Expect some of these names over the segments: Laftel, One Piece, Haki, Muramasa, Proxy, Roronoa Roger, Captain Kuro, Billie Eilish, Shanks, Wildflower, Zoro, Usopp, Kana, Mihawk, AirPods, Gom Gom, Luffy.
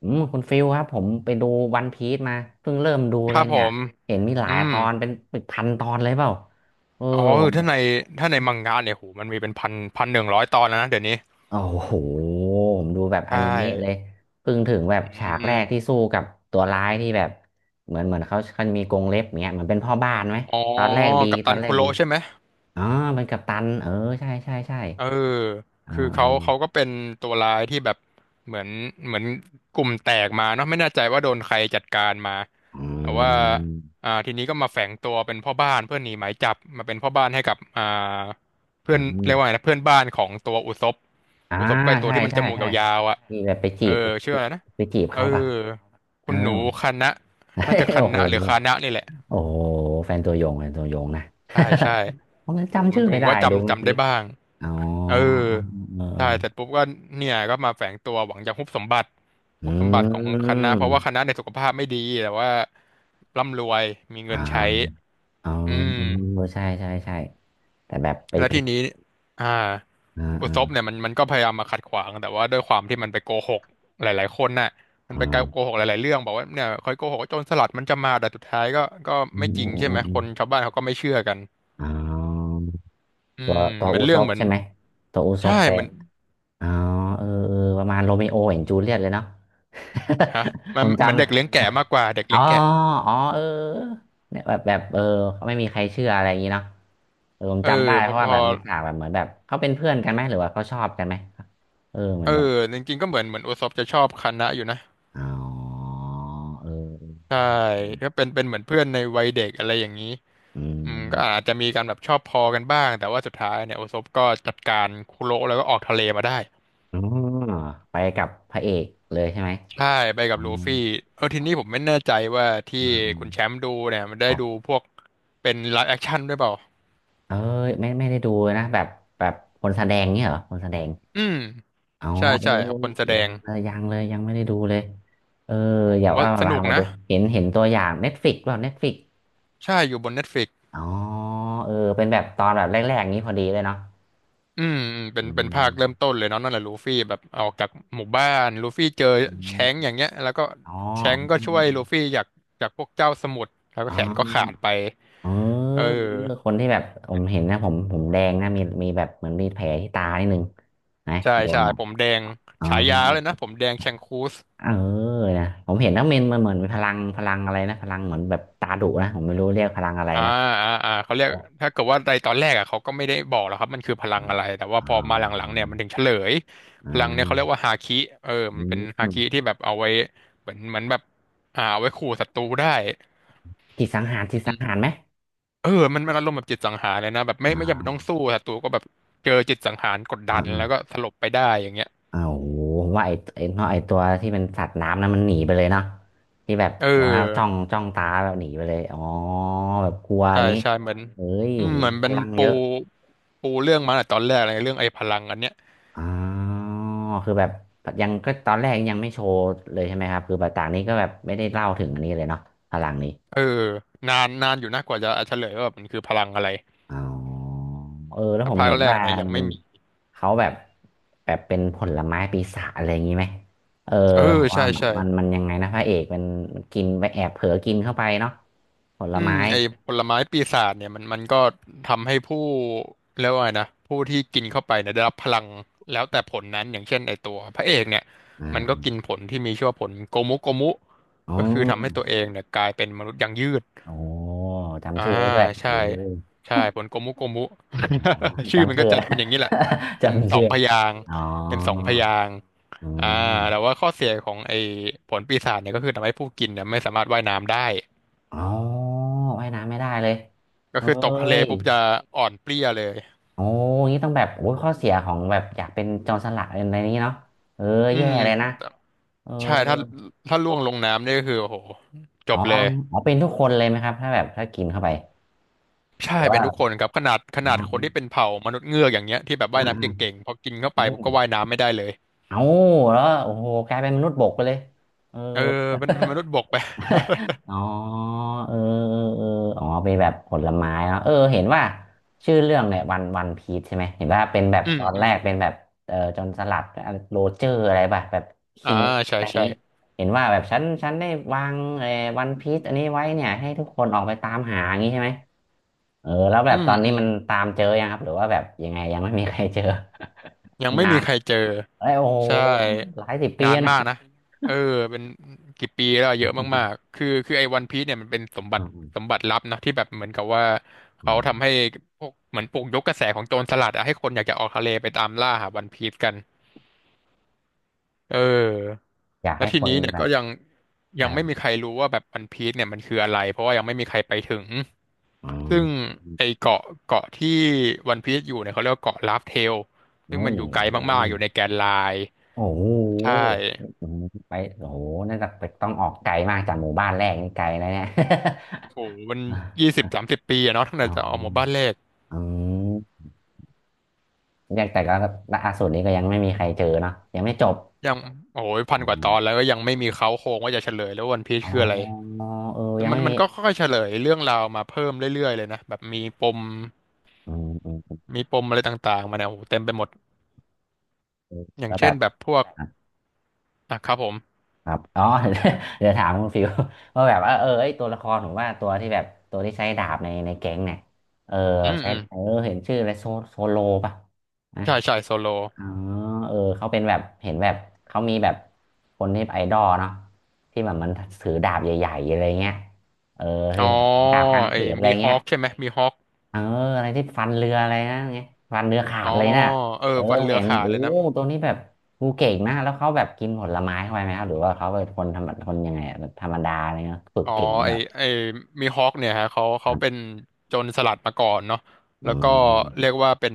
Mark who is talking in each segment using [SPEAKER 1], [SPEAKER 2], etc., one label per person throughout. [SPEAKER 1] อืมคุณฟิลครับผมไปดูวันพีซมาเพิ่งเริ่มดู
[SPEAKER 2] ค
[SPEAKER 1] เล
[SPEAKER 2] รั
[SPEAKER 1] ย
[SPEAKER 2] บผ
[SPEAKER 1] เนี่ย
[SPEAKER 2] ม
[SPEAKER 1] เห็นมีหลา
[SPEAKER 2] อื
[SPEAKER 1] ยต
[SPEAKER 2] ม
[SPEAKER 1] อนเป็นพันตอนเลยเปล่าเออ
[SPEAKER 2] อ๋อ
[SPEAKER 1] ผ
[SPEAKER 2] คือ
[SPEAKER 1] ม
[SPEAKER 2] ถ้าในมังงะเนี่ยโหมันมีเป็นพัน100 ตอนแล้วนะ เดี๋ยวนี้
[SPEAKER 1] โอ้โหผมดูแบบอ
[SPEAKER 2] ใช่
[SPEAKER 1] นิเมะเลยเพิ่งถึงแบบ
[SPEAKER 2] อื
[SPEAKER 1] ฉากแรกที่
[SPEAKER 2] ม
[SPEAKER 1] สู้กับตัวร้ายที่แบบเหมือนเขามีกรงเล็บเงี้ยเหมือนเป็นพ่อบ้านไหม
[SPEAKER 2] อ๋อ
[SPEAKER 1] ตอนแรกดี
[SPEAKER 2] กัป
[SPEAKER 1] ตอ
[SPEAKER 2] ตัน
[SPEAKER 1] นแร
[SPEAKER 2] คุ
[SPEAKER 1] กดี
[SPEAKER 2] โระใช่ไหม
[SPEAKER 1] อ๋อเป็นกัปตันเออใช่ใช่ใช่
[SPEAKER 2] เออ
[SPEAKER 1] อ่า
[SPEAKER 2] คือ
[SPEAKER 1] อื
[SPEAKER 2] เขา
[SPEAKER 1] ม
[SPEAKER 2] เขาก็เป็นตัวร้ายที่แบบเหมือนเหมือนกลุ่มแตกมาเนาะไม่แน่ใจว่าโดนใครจัดการมาแต่ว่าอ่าทีนี้ก็มาแฝงตัวเป็นพ่อบ้านเพื่อหนีหมายจับมาเป็นพ่อบ้านให้กับอ่าเพื่
[SPEAKER 1] อื
[SPEAKER 2] อน
[SPEAKER 1] ม
[SPEAKER 2] เรียกว่าไงนะเพื่อนบ้านของตัวอุศบ
[SPEAKER 1] อ่า
[SPEAKER 2] อุศบก็ไอตัว
[SPEAKER 1] ใช่
[SPEAKER 2] ที่มันจ
[SPEAKER 1] ใช่
[SPEAKER 2] มูก
[SPEAKER 1] ใช่
[SPEAKER 2] ยาวๆอ่ะ
[SPEAKER 1] ที่แบบไปจี
[SPEAKER 2] เออ
[SPEAKER 1] บไ
[SPEAKER 2] ชื่
[SPEAKER 1] ป
[SPEAKER 2] ออะไรนะ
[SPEAKER 1] ไปจีบ
[SPEAKER 2] เออ
[SPEAKER 1] เขาป่ะเอ
[SPEAKER 2] คุ
[SPEAKER 1] อ
[SPEAKER 2] ณหนูคานะน่าจะ คัน
[SPEAKER 1] โอ้โห
[SPEAKER 2] นะหรือคานะนี่แหละ
[SPEAKER 1] โอ้โหแฟนตัวยงแฟนตัวยงนะ
[SPEAKER 2] ใช่ใช่
[SPEAKER 1] ผม
[SPEAKER 2] โอ้โห
[SPEAKER 1] จำ
[SPEAKER 2] ผม
[SPEAKER 1] ชื่อ
[SPEAKER 2] ผ
[SPEAKER 1] ไม่
[SPEAKER 2] ม
[SPEAKER 1] ได้
[SPEAKER 2] ก็
[SPEAKER 1] ดู
[SPEAKER 2] จำ
[SPEAKER 1] เมื่อ
[SPEAKER 2] จำ
[SPEAKER 1] กี้
[SPEAKER 2] ได้บ้าง
[SPEAKER 1] อ๋อ
[SPEAKER 2] เออ
[SPEAKER 1] เออเอ
[SPEAKER 2] ใช่
[SPEAKER 1] อ
[SPEAKER 2] เสร็จปุ๊บก็เนี่ยก็มาแฝงตัวหวังจะฮุบสมบัติ
[SPEAKER 1] อื
[SPEAKER 2] ฮุบสมบัติของคณะเพ
[SPEAKER 1] ม
[SPEAKER 2] ราะว่าคณะในยสุขภาพไม่ดีแต่ว่าร่ำรวยมี
[SPEAKER 1] อ่
[SPEAKER 2] เงินใช้
[SPEAKER 1] าอ๋อ
[SPEAKER 2] อื
[SPEAKER 1] เออ
[SPEAKER 2] ม
[SPEAKER 1] ใช่ใช่ใช่แต่แบบไป
[SPEAKER 2] แล้ว
[SPEAKER 1] ไป
[SPEAKER 2] ทีนี้อ่า
[SPEAKER 1] อ่า
[SPEAKER 2] อุศ
[SPEAKER 1] อ่า
[SPEAKER 2] บเนี่ยมันก็พยายามมาขัดขวางแต่ว่าด้วยความที่มันไปโกหกหลายๆคนน่ะมัน
[SPEAKER 1] อ่
[SPEAKER 2] ไป
[SPEAKER 1] า
[SPEAKER 2] โกหกหลายๆเรื่องบอกว่าเนี่ยคอยโกหกว่าโจรสลัดมันจะมาแต่สุดท้ายก็ก็
[SPEAKER 1] อื
[SPEAKER 2] ไม่
[SPEAKER 1] ม
[SPEAKER 2] จ
[SPEAKER 1] อื
[SPEAKER 2] ริง
[SPEAKER 1] ม
[SPEAKER 2] ใช่
[SPEAKER 1] อื
[SPEAKER 2] ไหม
[SPEAKER 1] มอื
[SPEAKER 2] ค
[SPEAKER 1] ม
[SPEAKER 2] นชาวบ้านเขาก็ไม่เชื่อกัน
[SPEAKER 1] อ๋อ
[SPEAKER 2] อื
[SPEAKER 1] ตัว
[SPEAKER 2] ม
[SPEAKER 1] ตัว
[SPEAKER 2] มัน
[SPEAKER 1] อุซ
[SPEAKER 2] เรื่อง
[SPEAKER 1] บ
[SPEAKER 2] เหมือน
[SPEAKER 1] ใช่ไหมตัวอูซ
[SPEAKER 2] ใช่
[SPEAKER 1] บไป
[SPEAKER 2] เหมือน
[SPEAKER 1] อ๋อเออเออประมาณโรมิโอแอนด์จูเลียตเลยเนาะ
[SPEAKER 2] ฮะ มั
[SPEAKER 1] ผ
[SPEAKER 2] น
[SPEAKER 1] ม
[SPEAKER 2] เหมือนเด็กเลี้ยง
[SPEAKER 1] จำ
[SPEAKER 2] แกะมากกว่าเด็ก
[SPEAKER 1] อ๋อ
[SPEAKER 2] เลี้ยงแกะ
[SPEAKER 1] อ๋อเออเนี่ยแบบแบบเออเขาไม่มีใครเชื่ออะไรอย่างนี้เนาะเออผม
[SPEAKER 2] เออ
[SPEAKER 1] จำได้
[SPEAKER 2] พ
[SPEAKER 1] เพ
[SPEAKER 2] อ
[SPEAKER 1] ราะ
[SPEAKER 2] พ
[SPEAKER 1] ว่าแบ
[SPEAKER 2] อ
[SPEAKER 1] บมีฉากแบบเหมือนแบบเขาเป็นเพื่อนกันไหมหรือว่าเขาชอบกันไหมเออเหมือ
[SPEAKER 2] เอ
[SPEAKER 1] นแบบ
[SPEAKER 2] อจริงๆก็เหมือนโอซอบจะชอบคานะอยู่นะ
[SPEAKER 1] อ๋อเออ
[SPEAKER 2] ใช่
[SPEAKER 1] ใช่ใช่
[SPEAKER 2] ก็เป็นเหมือนเพื่อนในวัยเด็กอะไรอย่างนี้
[SPEAKER 1] อืม
[SPEAKER 2] อืมก็อาจจะมีการแบบชอบพอกันบ้างแต่ว่าสุดท้ายเนี่ยโอซบก็จัดการคุโระแล้วก็ออกทะเลมาได้
[SPEAKER 1] อ๋อไปกับพระเอกเลยใช่ไหม
[SPEAKER 2] ใช่ไปกั
[SPEAKER 1] อ๋
[SPEAKER 2] บ
[SPEAKER 1] อ
[SPEAKER 2] ลูฟี่เออทีนี้ผมไม่แน่ใจว่า
[SPEAKER 1] อ๋
[SPEAKER 2] ที่
[SPEAKER 1] ออ๋อ
[SPEAKER 2] คุณแชมป์ดูเนี่ยมัน
[SPEAKER 1] ค
[SPEAKER 2] ได้
[SPEAKER 1] รั
[SPEAKER 2] ดู
[SPEAKER 1] บ
[SPEAKER 2] พวกเป็นไลฟ์แอคชั่นด้วยเปล่า
[SPEAKER 1] เอ้ยไม่ไม่ได้ดูเลยนะแบบแบบคนแสดงเนี่ยเหรอคนแสดง
[SPEAKER 2] อืม
[SPEAKER 1] อ๋อ
[SPEAKER 2] ใช่
[SPEAKER 1] เออ
[SPEAKER 2] ใช่ครับคนแส
[SPEAKER 1] เออ
[SPEAKER 2] ด
[SPEAKER 1] ยัง
[SPEAKER 2] ง
[SPEAKER 1] เลยยังเลยยังไม่ได้ดูเลยเออ
[SPEAKER 2] โอ้ผ
[SPEAKER 1] เดี๋ยว
[SPEAKER 2] มว่า
[SPEAKER 1] เอา
[SPEAKER 2] ส
[SPEAKER 1] ตา
[SPEAKER 2] นุ
[SPEAKER 1] ม
[SPEAKER 2] ก
[SPEAKER 1] มาดู
[SPEAKER 2] นะ
[SPEAKER 1] เห็นเห็นตัวอย่างเน็ตฟ i ิกเปล่าเน็ตฟ i ิก
[SPEAKER 2] ใช่อยู่บน Netflix
[SPEAKER 1] อ๋อเออเป็นแบบตอนแบบแรกๆอย่างนี้พอดีเลยเนาะ
[SPEAKER 2] อืมอืมเป็
[SPEAKER 1] อื
[SPEAKER 2] นเป็นภา
[SPEAKER 1] ม
[SPEAKER 2] คเริ่มต้นเลยเนาะนั่นแหละลูฟี่แบบออกจากหมู่บ้านลูฟี่เจอ
[SPEAKER 1] อ
[SPEAKER 2] แชงก์
[SPEAKER 1] ม
[SPEAKER 2] อย่างเงี้ยแล้วก็
[SPEAKER 1] อ๋อ
[SPEAKER 2] แชงก์ก็
[SPEAKER 1] อื
[SPEAKER 2] ช่วย
[SPEAKER 1] ม
[SPEAKER 2] ลูฟี่จากพวกเจ้าสมุทรแล้วก็
[SPEAKER 1] อ๋
[SPEAKER 2] แขนก็ขาด
[SPEAKER 1] อ
[SPEAKER 2] ไป
[SPEAKER 1] เออ
[SPEAKER 2] เออ
[SPEAKER 1] เออคนที่แบบผมเห็นนะผมผมแดงนะมีแบบเหมือนมีแผลที่ตานิดนึงนะ
[SPEAKER 2] ใช่
[SPEAKER 1] โดน
[SPEAKER 2] ใช่
[SPEAKER 1] แบบ
[SPEAKER 2] ผมแดง
[SPEAKER 1] อ๋อ
[SPEAKER 2] ฉายาเลยนะผมแดงแชงคูส
[SPEAKER 1] เออนะผมเห็นนักเมนมันเหมือนมีพลังพลังอะไรนะพลังเหมือนแบบตาดุนะผมไม่รู้เรียกพลังอะไร
[SPEAKER 2] อ่า
[SPEAKER 1] นะ
[SPEAKER 2] อ่าอ่าเขาเรียกถ้าเกิดว่าในตอนแรกอ่ะเขาก็ไม่ได้บอกหรอกครับมันคือพลั
[SPEAKER 1] อ่า
[SPEAKER 2] งอะไรแต่ว่า
[SPEAKER 1] อ่
[SPEAKER 2] พอมาหลังๆ
[SPEAKER 1] า
[SPEAKER 2] เนี่ยมันถึงเฉลย
[SPEAKER 1] อ่
[SPEAKER 2] พลังเนี่ยเขาเรียกว่า
[SPEAKER 1] า
[SPEAKER 2] ฮาคิเออ
[SPEAKER 1] อื
[SPEAKER 2] มันเป็นฮา
[SPEAKER 1] ม
[SPEAKER 2] คิที่แบบเอาไว้เหมือนแบบอ่าเอาไว้ขู่ศัตรูได้
[SPEAKER 1] จิตสังหารจิตสังหารไหม
[SPEAKER 2] เออมันมันอารมณ์แบบจิตสังหารเลยนะแบบไม่
[SPEAKER 1] อ่
[SPEAKER 2] ไม่จำเป็นต้อง
[SPEAKER 1] า
[SPEAKER 2] สู้ศัตรูก็แบบเจอจิตสังหารกดดันแล้วก็
[SPEAKER 1] อ่า
[SPEAKER 2] สลบไปได้อย่างเงี้ย
[SPEAKER 1] อ่าโอ้โหผมว่าไอ้เนาะไอ้ตัวที่เป็นสัตว์น้ำนั้นมันหนีไปเลยเนาะที่แบบ
[SPEAKER 2] เอ
[SPEAKER 1] ตัวนั้นจ้อ
[SPEAKER 2] อ
[SPEAKER 1] งจ้องตาแบบหนีไปเลยอ๋อแบบกลัวอ
[SPEAKER 2] ใช่
[SPEAKER 1] ย่างนี้
[SPEAKER 2] ใช่เหมือน
[SPEAKER 1] เฮ้ย
[SPEAKER 2] อืม
[SPEAKER 1] โหู
[SPEAKER 2] เหมือน
[SPEAKER 1] พ
[SPEAKER 2] เป็น
[SPEAKER 1] ลัง
[SPEAKER 2] ปู
[SPEAKER 1] เยอะ
[SPEAKER 2] ปูเรื่องมาตั้งแต่ตอนแรกเลยเรื่องไอ้พลังอันเนี้ย
[SPEAKER 1] อ๋อคือแบบยังก็ตอนแรกยังไม่โชว์เลยใช่ไหมครับคือแบบต่างนี้ก็แบบไม่ได้เล่าถึงอันนี้เลยเนาะพลังนี้
[SPEAKER 2] เออนานนานอยู่นะกว่าจะเฉลยว่าแบบมันคือพลังอะไร
[SPEAKER 1] อ๋อเออแล้ว
[SPEAKER 2] แต่
[SPEAKER 1] ผม
[SPEAKER 2] ภาค
[SPEAKER 1] เห็น
[SPEAKER 2] แรก
[SPEAKER 1] ว่า
[SPEAKER 2] เนี่ยยัง
[SPEAKER 1] มัน
[SPEAKER 2] ไม่มี
[SPEAKER 1] เขาแบบแบบเป็นผลไม้ปีศาจอะไรอย่างนี้ไหมเออ
[SPEAKER 2] เอ
[SPEAKER 1] ผ
[SPEAKER 2] อ
[SPEAKER 1] มว่า
[SPEAKER 2] ใช่
[SPEAKER 1] มัน
[SPEAKER 2] ใช่
[SPEAKER 1] มันมันยังไงนะพระเอกมันมันกินไปแอบเผลอกินเข้าไปเนาะผล
[SPEAKER 2] อืม
[SPEAKER 1] ไม้
[SPEAKER 2] ไอ้ผลไม้ปีศาจเนี่ยมันก็ทำให้ผู้เรียกว่าไงนะผู้ที่กินเข้าไปเนี่ยได้รับพลังแล้วแต่ผลนั้นอย่างเช่นไอ้ตัวพระเอกเนี่ย
[SPEAKER 1] อ่
[SPEAKER 2] มันก็
[SPEAKER 1] า
[SPEAKER 2] กินผลที่มีชื่อว่าผลโกมุโกมุ
[SPEAKER 1] อ๋อ
[SPEAKER 2] ก็คือทำให้ตัวเองเนี่ยกลายเป็นมนุษย์ยางยืด
[SPEAKER 1] โอ้
[SPEAKER 2] อ่า
[SPEAKER 1] จำชื่อได้ด้วย
[SPEAKER 2] ใช่
[SPEAKER 1] โอ้
[SPEAKER 2] ใช่ผลโกมุโกมุ ชื่อมั
[SPEAKER 1] จำ
[SPEAKER 2] นก็
[SPEAKER 1] ชื่อ
[SPEAKER 2] จะเป็นอย่างนี้แหละ เป็น
[SPEAKER 1] จำ
[SPEAKER 2] สอ
[SPEAKER 1] ชื่
[SPEAKER 2] ง
[SPEAKER 1] อ
[SPEAKER 2] พยางค์
[SPEAKER 1] อ๋อ
[SPEAKER 2] เป็นสองพยางค์
[SPEAKER 1] อื
[SPEAKER 2] อ่าแต่
[SPEAKER 1] ม
[SPEAKER 2] ว่าข้อเสียของไอ้ผลปีศาจเนี่ยก็คือทำให้ผู้กินเนี่ยไม่สามารถว่ายน้ำได้
[SPEAKER 1] อ๋อว่ายน้ำไม่ได้เลย
[SPEAKER 2] ก็
[SPEAKER 1] เฮ้
[SPEAKER 2] คือตกทะเล
[SPEAKER 1] ย
[SPEAKER 2] ปุ๊บจะอ่อนเปลี้ยเลย
[SPEAKER 1] โอ้งี้ต้องแบบโอ้ยข้อเสียของแบบอยากเป็นโจรสลัดอะไรนี้เนาะเออ
[SPEAKER 2] อื
[SPEAKER 1] แย่
[SPEAKER 2] ม
[SPEAKER 1] เลยนะเออ
[SPEAKER 2] ใช่ ถ้าล่วงลงน้ำนี่ก็คือโอ้โหจ
[SPEAKER 1] อ๋อ
[SPEAKER 2] บเลย
[SPEAKER 1] อ๋อเป็นทุกคนเลยไหมครับถ้าแบบถ้ากินเข้าไป
[SPEAKER 2] ใช่
[SPEAKER 1] หรือ
[SPEAKER 2] เป็
[SPEAKER 1] ว่า
[SPEAKER 2] นทุกคนครับขนาดข
[SPEAKER 1] อ๋อ
[SPEAKER 2] นาดคนที่เป็นเผ่ามนุษย์เงือกอย่างเงี้ยที่แบบ
[SPEAKER 1] อื
[SPEAKER 2] ว่าย
[SPEAKER 1] มอื
[SPEAKER 2] น้ำเก
[SPEAKER 1] ม
[SPEAKER 2] ่งๆ พอกินเข้า
[SPEAKER 1] อื
[SPEAKER 2] ไปปุ๊บ
[SPEAKER 1] ม
[SPEAKER 2] ก็ว่ายน้ำไม่ได้เลย
[SPEAKER 1] เอาแล้วโอ้โหกลายเป็นมนุษย์บกไปเลยเออ
[SPEAKER 2] เออเป็นมนุษย์บกไป
[SPEAKER 1] อ๋อเออเออเอออ๋อเป็นแบบผลไม้เนาะเออเห็นว่าชื่อเรื่องเนี่ยวันพีชใช่ไหมเห็นว่าเป็นแบ บ
[SPEAKER 2] อื
[SPEAKER 1] ต
[SPEAKER 2] ม
[SPEAKER 1] อน
[SPEAKER 2] อื
[SPEAKER 1] แร
[SPEAKER 2] ม
[SPEAKER 1] กเป็นแบบเออจนสลัดโรเจอร์อะไรป่ะแบบ
[SPEAKER 2] อ่า
[SPEAKER 1] คิงอะ
[SPEAKER 2] ใช่
[SPEAKER 1] ไรอย่าง
[SPEAKER 2] ใช่
[SPEAKER 1] นี้เห็นว่าแบบฉันได้วางเออวันพีชอันนี้ไว้เนี่ยให้ทุกคนออกไปตามหาอย่างนี้ใช่ไหมเออแล้วแบ
[SPEAKER 2] อื
[SPEAKER 1] บ
[SPEAKER 2] ม
[SPEAKER 1] ตอน
[SPEAKER 2] อื
[SPEAKER 1] นี้
[SPEAKER 2] ม
[SPEAKER 1] มันตามเจอยังครับหรือว่าแบบยังไงยังไม่มีใครเจอ
[SPEAKER 2] ยังไม่
[SPEAKER 1] นา
[SPEAKER 2] มี
[SPEAKER 1] น
[SPEAKER 2] ใครเจอ
[SPEAKER 1] เอ้ยโอ้โห
[SPEAKER 2] ใช่
[SPEAKER 1] หลายสิบปี
[SPEAKER 2] นา
[SPEAKER 1] แล้
[SPEAKER 2] น
[SPEAKER 1] ว
[SPEAKER 2] มาก
[SPEAKER 1] นะ
[SPEAKER 2] นะเออเป็นกี่ปีแล้วอะเยอะมากๆคือไอ้วันพีซเนี่ยมันเป็นสมบั
[SPEAKER 1] อื
[SPEAKER 2] ติ
[SPEAKER 1] ม
[SPEAKER 2] สมบัติลับนะที่แบบเหมือนกับว่า
[SPEAKER 1] อื
[SPEAKER 2] เขา
[SPEAKER 1] ม
[SPEAKER 2] ทำให้พวกเหมือนปลุกยกกระแสของโจรสลัดอะให้คนอยากจะออกทะเลไปตามล่าหาวันพีซกันเออ
[SPEAKER 1] อยาก
[SPEAKER 2] แล้ว
[SPEAKER 1] ให้
[SPEAKER 2] ที
[SPEAKER 1] คน
[SPEAKER 2] นี้เนี่ย
[SPEAKER 1] แบ
[SPEAKER 2] ก็
[SPEAKER 1] บ
[SPEAKER 2] ยังไม่มีใครรู้ว่าแบบวันพีซเนี่ยมันคืออะไรเพราะว่ายังไม่มีใครไปถึง
[SPEAKER 1] อืม
[SPEAKER 2] ซึ่งไอ้เกาะที่วันพีซอยู่เนี่ยเขาเรียกว่าเกาะลาฟเทลซึ่ง
[SPEAKER 1] โอ้
[SPEAKER 2] มันอยู่ไกลมา
[SPEAKER 1] ย
[SPEAKER 2] กๆอยู่ในแกนไลน์
[SPEAKER 1] โอ้โห
[SPEAKER 2] ใช่
[SPEAKER 1] ไปโอ้โหน่าจะไปต้องออกไกลมากจากหมู่บ้านแรกนี่ไกลนะเนี่ย
[SPEAKER 2] โอ้โหมัน 20-30 ปีอะเนาะตั้งแต่
[SPEAKER 1] อ๋อ
[SPEAKER 2] จะออกหมู่บ้านแรก
[SPEAKER 1] อืมเรียกแต่ก็ล่าสุดนี้ก็ยังไม่มีใครเจอเนาะยังไม่จบ
[SPEAKER 2] ยัง โอ้ยพั
[SPEAKER 1] อ
[SPEAKER 2] นกว่าต
[SPEAKER 1] ม
[SPEAKER 2] อนแล้วก็ยังไม่มีเค้าโครงว่าจะเฉลยแล้ววันพีช
[SPEAKER 1] อ๋อ
[SPEAKER 2] คืออะไร
[SPEAKER 1] เออยัง
[SPEAKER 2] มั
[SPEAKER 1] ไม่
[SPEAKER 2] นมั
[SPEAKER 1] มี
[SPEAKER 2] นก็ค่อยๆเฉลยเรื่องราวมาเพิ่มเรื่อยๆเลยนะ แบบมีปม
[SPEAKER 1] อืมอืม
[SPEAKER 2] มีปมอะไรต่างๆมาเนี่ยโอ้โหเต็มไปหมด
[SPEAKER 1] อืม
[SPEAKER 2] อย่าง
[SPEAKER 1] แล้วแบ
[SPEAKER 2] เช่น
[SPEAKER 1] บ
[SPEAKER 2] แบบพวก
[SPEAKER 1] อ่ะ
[SPEAKER 2] อ่ะครับผม
[SPEAKER 1] ครับอ๋อ เดี๋ยวถามคุณฟิว ว่าแบบว่าเออไอยตัวละครผมว่าตัวที่แบบตัวที่ใช้ดาบในในแก๊งเนี่ยเออ
[SPEAKER 2] อืม
[SPEAKER 1] ใช้
[SPEAKER 2] อืม
[SPEAKER 1] เออเห็นชื่ออะไรโซโซโลป่ะนะ
[SPEAKER 2] ใช่ใช่โซโล
[SPEAKER 1] อ๋อเออ เขาเป็นแบบเห็นแบบเขามีแบบคนที่ไอดอลเนาะที่แบบมันถือดาบใหญ่ๆอะไรเงี้ยเออ
[SPEAKER 2] อ๋
[SPEAKER 1] ที่
[SPEAKER 2] อ
[SPEAKER 1] แบบเนดาบกลางเข
[SPEAKER 2] ไอ้
[SPEAKER 1] นอะไร
[SPEAKER 2] มีฮ
[SPEAKER 1] เงี้
[SPEAKER 2] อ
[SPEAKER 1] ย
[SPEAKER 2] คใช่ไหมมีฮอค
[SPEAKER 1] เอออะไรที่ฟันเรืออะไรนะเงี้ยฟันเรือขา
[SPEAKER 2] อ๋
[SPEAKER 1] ด
[SPEAKER 2] อ
[SPEAKER 1] เลยน่ะ
[SPEAKER 2] เออ
[SPEAKER 1] เออ
[SPEAKER 2] วัน
[SPEAKER 1] ผม
[SPEAKER 2] เรือ
[SPEAKER 1] เห็น
[SPEAKER 2] ขาด
[SPEAKER 1] โอ้
[SPEAKER 2] เลยนะ
[SPEAKER 1] ตัวนี้แบบงูเก่งนะแล้วเขาแบบกินผลไม้เข้าไปไหมครับหรือว่าเขาเป็นคนธรรมดาคนยังไงอะแบบธรรมดาอะไรเงี้ยฝึก
[SPEAKER 2] อ๋อ
[SPEAKER 1] เก่งเนี่
[SPEAKER 2] ไอ
[SPEAKER 1] ยเหรอ
[SPEAKER 2] ไอมีฮอคเนี่ยฮะเขา
[SPEAKER 1] ค
[SPEAKER 2] เขา
[SPEAKER 1] รั
[SPEAKER 2] เป็น
[SPEAKER 1] บ
[SPEAKER 2] โจรสลัดมาก่อนเนาะ
[SPEAKER 1] อื
[SPEAKER 2] แล้วก็เรี
[SPEAKER 1] ม
[SPEAKER 2] ยกว่าเป็น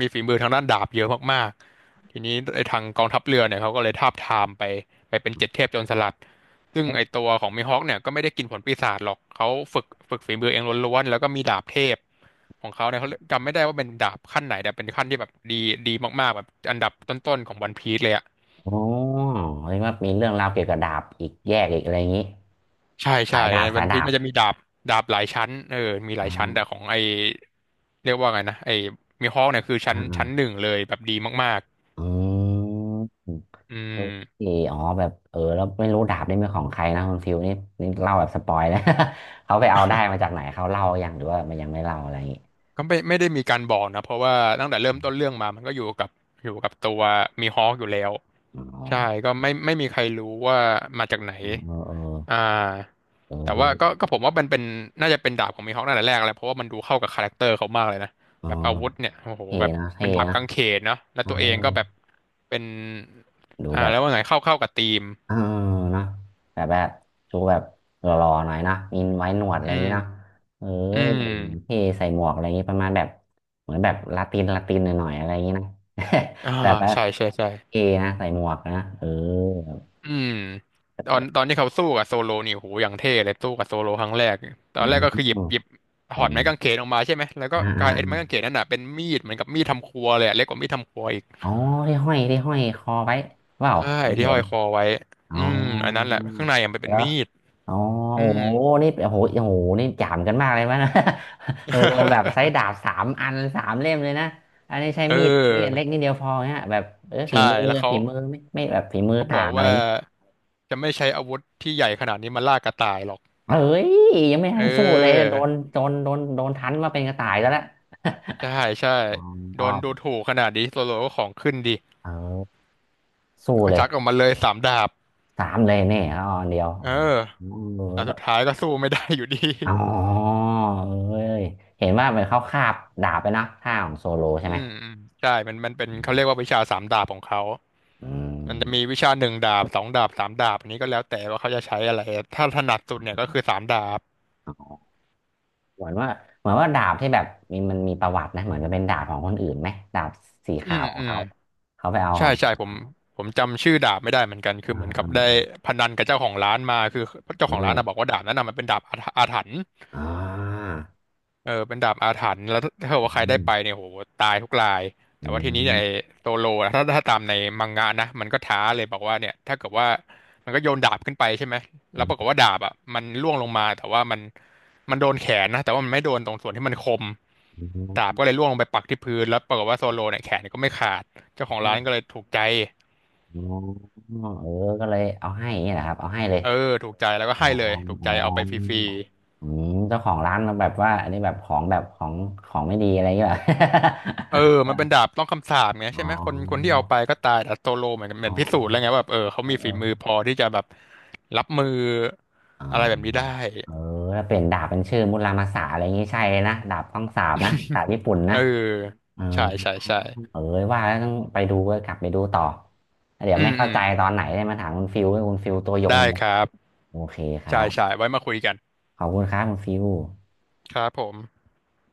[SPEAKER 2] มีฝีมือทางด้านดาบเยอะมากๆทีนี้ไอทางกองทัพเรือเนี่ยเขาก็เลยทาบทามไปเป็นเจ็ดเทพโจรสลัดซึ่งไอตัวของมีฮอคเนี่ยก็ไม่ได้กินผลปีศาจหรอกเขาฝึกฝีมือเองล้วนๆแล้วก็มีดาบเทพของเขาเนี่ยเขาจำไม่ได้ว่าเป็นดาบขั้นไหนแต่เป็นขั้นที่แบบดีมากๆแบบอันดับต้นๆของวันพีซเลยอะ
[SPEAKER 1] อ๋อเรียกว่ามีเรื่องราวเกี่ยวกับดาบอีกแยกอีกอะไรอย่างนี้
[SPEAKER 2] ใช่
[SPEAKER 1] สา
[SPEAKER 2] ใช่
[SPEAKER 1] ยดาบ
[SPEAKER 2] วั
[SPEAKER 1] สา
[SPEAKER 2] น
[SPEAKER 1] ย
[SPEAKER 2] พี
[SPEAKER 1] ดา
[SPEAKER 2] ซ
[SPEAKER 1] บ
[SPEAKER 2] มันจะมีดาบหลายชั้นเออมีห
[SPEAKER 1] อ๋อ
[SPEAKER 2] ลายชั้นแต่ของไอเรียกว่าไงนะไอมีฮอคเนี่ยคือชั้น
[SPEAKER 1] อ่า
[SPEAKER 2] หนึ่งเลยแบบดีมาก
[SPEAKER 1] ๆอืม
[SPEAKER 2] ๆอื
[SPEAKER 1] โอ
[SPEAKER 2] ม
[SPEAKER 1] เคอ๋อแบบเออแล้วไม่รู้ดาบนี่เป็นของใครนะคุณฟิวนี่นี่เล่าแบบสปอยนะ เขาไปเอาได้มาจากไหนเขาเล่าอยังหรือว่ามันยังไม่เล่าอะไรอย่างงี้
[SPEAKER 2] ก็ไม่ได้มีการบอกนะเพราะว่าตั้งแต่เริ่มต้นเรื่องมามันก็อยู่กับอยู่กับตัวมีฮอคอยู่แล้ว
[SPEAKER 1] อ๋อ
[SPEAKER 2] ใช่ก็ไม่มีใครรู้ว่ามาจากไหน
[SPEAKER 1] เออ
[SPEAKER 2] อ่า
[SPEAKER 1] เออ
[SPEAKER 2] แต่
[SPEAKER 1] ดู
[SPEAKER 2] ว่าก็ผมว่ามันเป็นน่าจะเป็นดาบของมีฮอคตั้งแต่แรกแล้วเพราะว่ามันดูเข้ากับคาแรคเตอร์เขามากเลยนะ
[SPEAKER 1] อ๋อ
[SPEAKER 2] แบบอาวุธเนี่ยโอ้โห
[SPEAKER 1] เท่
[SPEAKER 2] แบบ
[SPEAKER 1] นะ
[SPEAKER 2] เป็
[SPEAKER 1] เท่
[SPEAKER 2] นดาบ
[SPEAKER 1] นะ
[SPEAKER 2] กางเขนเนาะแล้ว
[SPEAKER 1] เออ
[SPEAKER 2] ตัวเองก็แบบเป็น
[SPEAKER 1] ดู
[SPEAKER 2] อ่า
[SPEAKER 1] แบบ
[SPEAKER 2] แล้วว่าไงเข้ากับธีม
[SPEAKER 1] เออนะแต่แบบชูแบบหล่อๆหน่อยนะมีไว้หนวดอะ
[SPEAKER 2] อื
[SPEAKER 1] ไรอย่างนี้
[SPEAKER 2] ม
[SPEAKER 1] นะเอ้
[SPEAKER 2] อื
[SPEAKER 1] ย
[SPEAKER 2] ม
[SPEAKER 1] เท่ใส่หมวกอะไรอย่างนี้ประมาณแบบเหมือนแบบลาตินหน่อยๆอะไรอย่างนี้นะ
[SPEAKER 2] อ่า
[SPEAKER 1] แบบว่า
[SPEAKER 2] ใช่ใช่ใช่
[SPEAKER 1] เท่นะใส่หมวกนะเออ
[SPEAKER 2] อืมตอนที่เขาสู้กับโซโลนี่โอ้โหอย่างเท่เลยสู้กับโซโลครั้งแรกต
[SPEAKER 1] อ
[SPEAKER 2] อนแรกก็คือหยิบ
[SPEAKER 1] ๋อ
[SPEAKER 2] หยิบถ
[SPEAKER 1] ใส่
[SPEAKER 2] อดไม้
[SPEAKER 1] เงี้ย
[SPEAKER 2] กางเขนออกมาใช่ไหมแล้วก็
[SPEAKER 1] อ่า
[SPEAKER 2] กลายไอ้ไม้
[SPEAKER 1] อ่า
[SPEAKER 2] กางเขนนั่นน่ะเป็นมีดเหมือนกับมีดทำครัวเลยอะเล็กกว่ามีดทำครัวอีก
[SPEAKER 1] อ๋อที่ห้อยคอไว้เปล่า
[SPEAKER 2] ใช่
[SPEAKER 1] ผม
[SPEAKER 2] ที่
[SPEAKER 1] เห็
[SPEAKER 2] ห้อ
[SPEAKER 1] น
[SPEAKER 2] ยคอไว้
[SPEAKER 1] อ๋อ
[SPEAKER 2] อืมอันนั้นแหละข้างในอ่ะมันเป็น
[SPEAKER 1] แล้ว
[SPEAKER 2] มีด
[SPEAKER 1] อ๋อ
[SPEAKER 2] อื
[SPEAKER 1] โอ้
[SPEAKER 2] ม
[SPEAKER 1] โหนี่โอ้โหโอ้โห นี่จามกันมากเลยมั้ยนะ โลโลแบบใช้ ดาบสามอันสามเล่มเลยนะอันนี้ใช้
[SPEAKER 2] เ
[SPEAKER 1] มีดนี่อัน
[SPEAKER 2] อ
[SPEAKER 1] เล็
[SPEAKER 2] อ
[SPEAKER 1] กนิดเดียวพอเนี่ยแบบเออฝี
[SPEAKER 2] ใช่
[SPEAKER 1] มือ
[SPEAKER 2] แล้วเขา
[SPEAKER 1] ฝีมือไม่แบบฝีมือ
[SPEAKER 2] เขาบ
[SPEAKER 1] ต่า
[SPEAKER 2] อก
[SPEAKER 1] งอะไรอ
[SPEAKER 2] ว่า
[SPEAKER 1] ย่างงี้
[SPEAKER 2] จะไม่ใช้อาวุธที่ใหญ่ขนาดนี้มาล่ากระต่ายหรอก
[SPEAKER 1] เฮ้ยยังไม่
[SPEAKER 2] เอ
[SPEAKER 1] ทันสู้เลย
[SPEAKER 2] อ
[SPEAKER 1] โดนทันว่าเป็นกระต่ายแล้วละ
[SPEAKER 2] ใช่ใช่
[SPEAKER 1] อ๋
[SPEAKER 2] โด
[SPEAKER 1] อ
[SPEAKER 2] นดูถูกขนาดนี้โซโลก็ของขึ้นดิ
[SPEAKER 1] เออสู้
[SPEAKER 2] แล้วก็
[SPEAKER 1] เลย
[SPEAKER 2] ชักออกมาเลยสามดาบ
[SPEAKER 1] สามเลยเนี่ยอออันเดียว
[SPEAKER 2] เอ
[SPEAKER 1] อื
[SPEAKER 2] อ
[SPEAKER 1] มเออ
[SPEAKER 2] แต่
[SPEAKER 1] แล้
[SPEAKER 2] สุ
[SPEAKER 1] ว
[SPEAKER 2] ดท้ายก็สู้ไม่ได้อยู่ดี
[SPEAKER 1] อ๋อเอ้ยเห็นว่าเหมือนเขาคาบดาบไปนะท่าของโซโลใช่ไห
[SPEAKER 2] อื
[SPEAKER 1] ม
[SPEAKER 2] มอืมใช่มันเป็นเขาเรียกว่าวิชาสามดาบของเขา
[SPEAKER 1] อื
[SPEAKER 2] มันจะมี
[SPEAKER 1] ม
[SPEAKER 2] วิชาหนึ่งดาบสองดาบสามดาบอันนี้ก็แล้วแต่ว่าเขาจะใช้อะไรถ้าถนัดสุดเนี่ยก็คือสามดาบ
[SPEAKER 1] อ๋อเหมือนว่าเหมือนว่าดาบที่แบบมีมันมีประวัตินะเหมือนจะเป็นดาบของคนอื่นไหมดาบสี
[SPEAKER 2] อื
[SPEAKER 1] ขา
[SPEAKER 2] ม
[SPEAKER 1] วของ
[SPEAKER 2] อืม
[SPEAKER 1] เขาเขาไปเอาข
[SPEAKER 2] ใช่
[SPEAKER 1] อง
[SPEAKER 2] ใช่ผมจำชื่อดาบไม่ได้เหมือนกันคือ
[SPEAKER 1] อ่า
[SPEAKER 2] เหมือนกั
[SPEAKER 1] อื
[SPEAKER 2] บ
[SPEAKER 1] ม
[SPEAKER 2] ได้
[SPEAKER 1] อืม
[SPEAKER 2] พนันกับเจ้าของร้านมาคือเจ้าข
[SPEAKER 1] แล้
[SPEAKER 2] องร้านนะบอกว่าดาบนั้นนะมันเป็นดาบอาถรรพ์
[SPEAKER 1] อ่า
[SPEAKER 2] เออเป็นดาบอาถรรพ์แล้วถ้าเกิดว่าใคร
[SPEAKER 1] อื
[SPEAKER 2] ได้
[SPEAKER 1] ม
[SPEAKER 2] ไปเนี่ยโหตายทุกราย
[SPEAKER 1] อื
[SPEAKER 2] แต่ว่าทีนี้เนี่ยไอ้
[SPEAKER 1] ม
[SPEAKER 2] โซโลนะถ้าตามในมังงะนะมันก็ท้าเลยบอกว่าเนี่ยถ้าเกิดว่ามันก็โยนดาบขึ้นไปใช่ไหม
[SPEAKER 1] อื
[SPEAKER 2] แล้วปรากฏ
[SPEAKER 1] ม
[SPEAKER 2] ว่าดาบอ่ะมันล่วงลงมาแต่ว่ามันโดนแขนนะแต่ว่ามันไม่โดนตรงส่วนที่มันคม
[SPEAKER 1] อ
[SPEAKER 2] ดาบ
[SPEAKER 1] ื
[SPEAKER 2] ก็เลยล่วงลงไปปักที่พื้นแล้วปรากฏว่าโซโลเนี่ยแขนก็ไม่ขาดเจ้าของร้านก็เล
[SPEAKER 1] ม
[SPEAKER 2] ยถูกใจ
[SPEAKER 1] อ๋อเออก็เลยเอาให้อย่างเี้แหละครับเอาให้เลย
[SPEAKER 2] เออถูกใจแล้วก็
[SPEAKER 1] อ๋อ
[SPEAKER 2] ให้เลยถูก
[SPEAKER 1] อ๋อ
[SPEAKER 2] ใจเอาไปฟรีๆ
[SPEAKER 1] อืมเจ้าของร้านแบบว่าอันนี้แบบของของไม่ดีอะไรอย่างเงี้ย
[SPEAKER 2] เออมันเป็นดาบต้องคำสาปไง
[SPEAKER 1] เหร
[SPEAKER 2] ใช่
[SPEAKER 1] อ
[SPEAKER 2] ไหมคนที่เอา ไปก็ตายแต่โซโลเหมือนเห
[SPEAKER 1] อ๋
[SPEAKER 2] มือ
[SPEAKER 1] อ
[SPEAKER 2] นพิสู
[SPEAKER 1] อ๋อ
[SPEAKER 2] จน์แล้วไงว่าแบบเออเขามี
[SPEAKER 1] เอ
[SPEAKER 2] ฝีมือ
[SPEAKER 1] อ
[SPEAKER 2] พอที่จะแบบรับมือ
[SPEAKER 1] อ๋อ
[SPEAKER 2] อะไรแบบนี้ได้
[SPEAKER 1] เออถ้าเปลี่ยนดาบเป็นชื่อมุรามาสะอะไรอย่างงี้ใช่เลยนะดาบต้องสาบนะดาบญี่ปุ่น
[SPEAKER 2] เอ
[SPEAKER 1] นะ
[SPEAKER 2] อ
[SPEAKER 1] เออ
[SPEAKER 2] ใช่ใช่ใช่
[SPEAKER 1] เออว่าแล้วต้องไปดูก็กลับไปดูต่อแล้วเดี๋ย
[SPEAKER 2] อื
[SPEAKER 1] วไม่
[SPEAKER 2] มอื
[SPEAKER 1] เข้า
[SPEAKER 2] ม
[SPEAKER 1] ใจตอนไหนได้มาถามคุณฟิวให้คุณฟิวตัวยง
[SPEAKER 2] ได้
[SPEAKER 1] เลย
[SPEAKER 2] ครับ
[SPEAKER 1] โอเคครั
[SPEAKER 2] ใช่ใช่
[SPEAKER 1] บ
[SPEAKER 2] ไว้มาคุยกัน
[SPEAKER 1] ขอบคุณครับคุณฟิว
[SPEAKER 2] ครับผม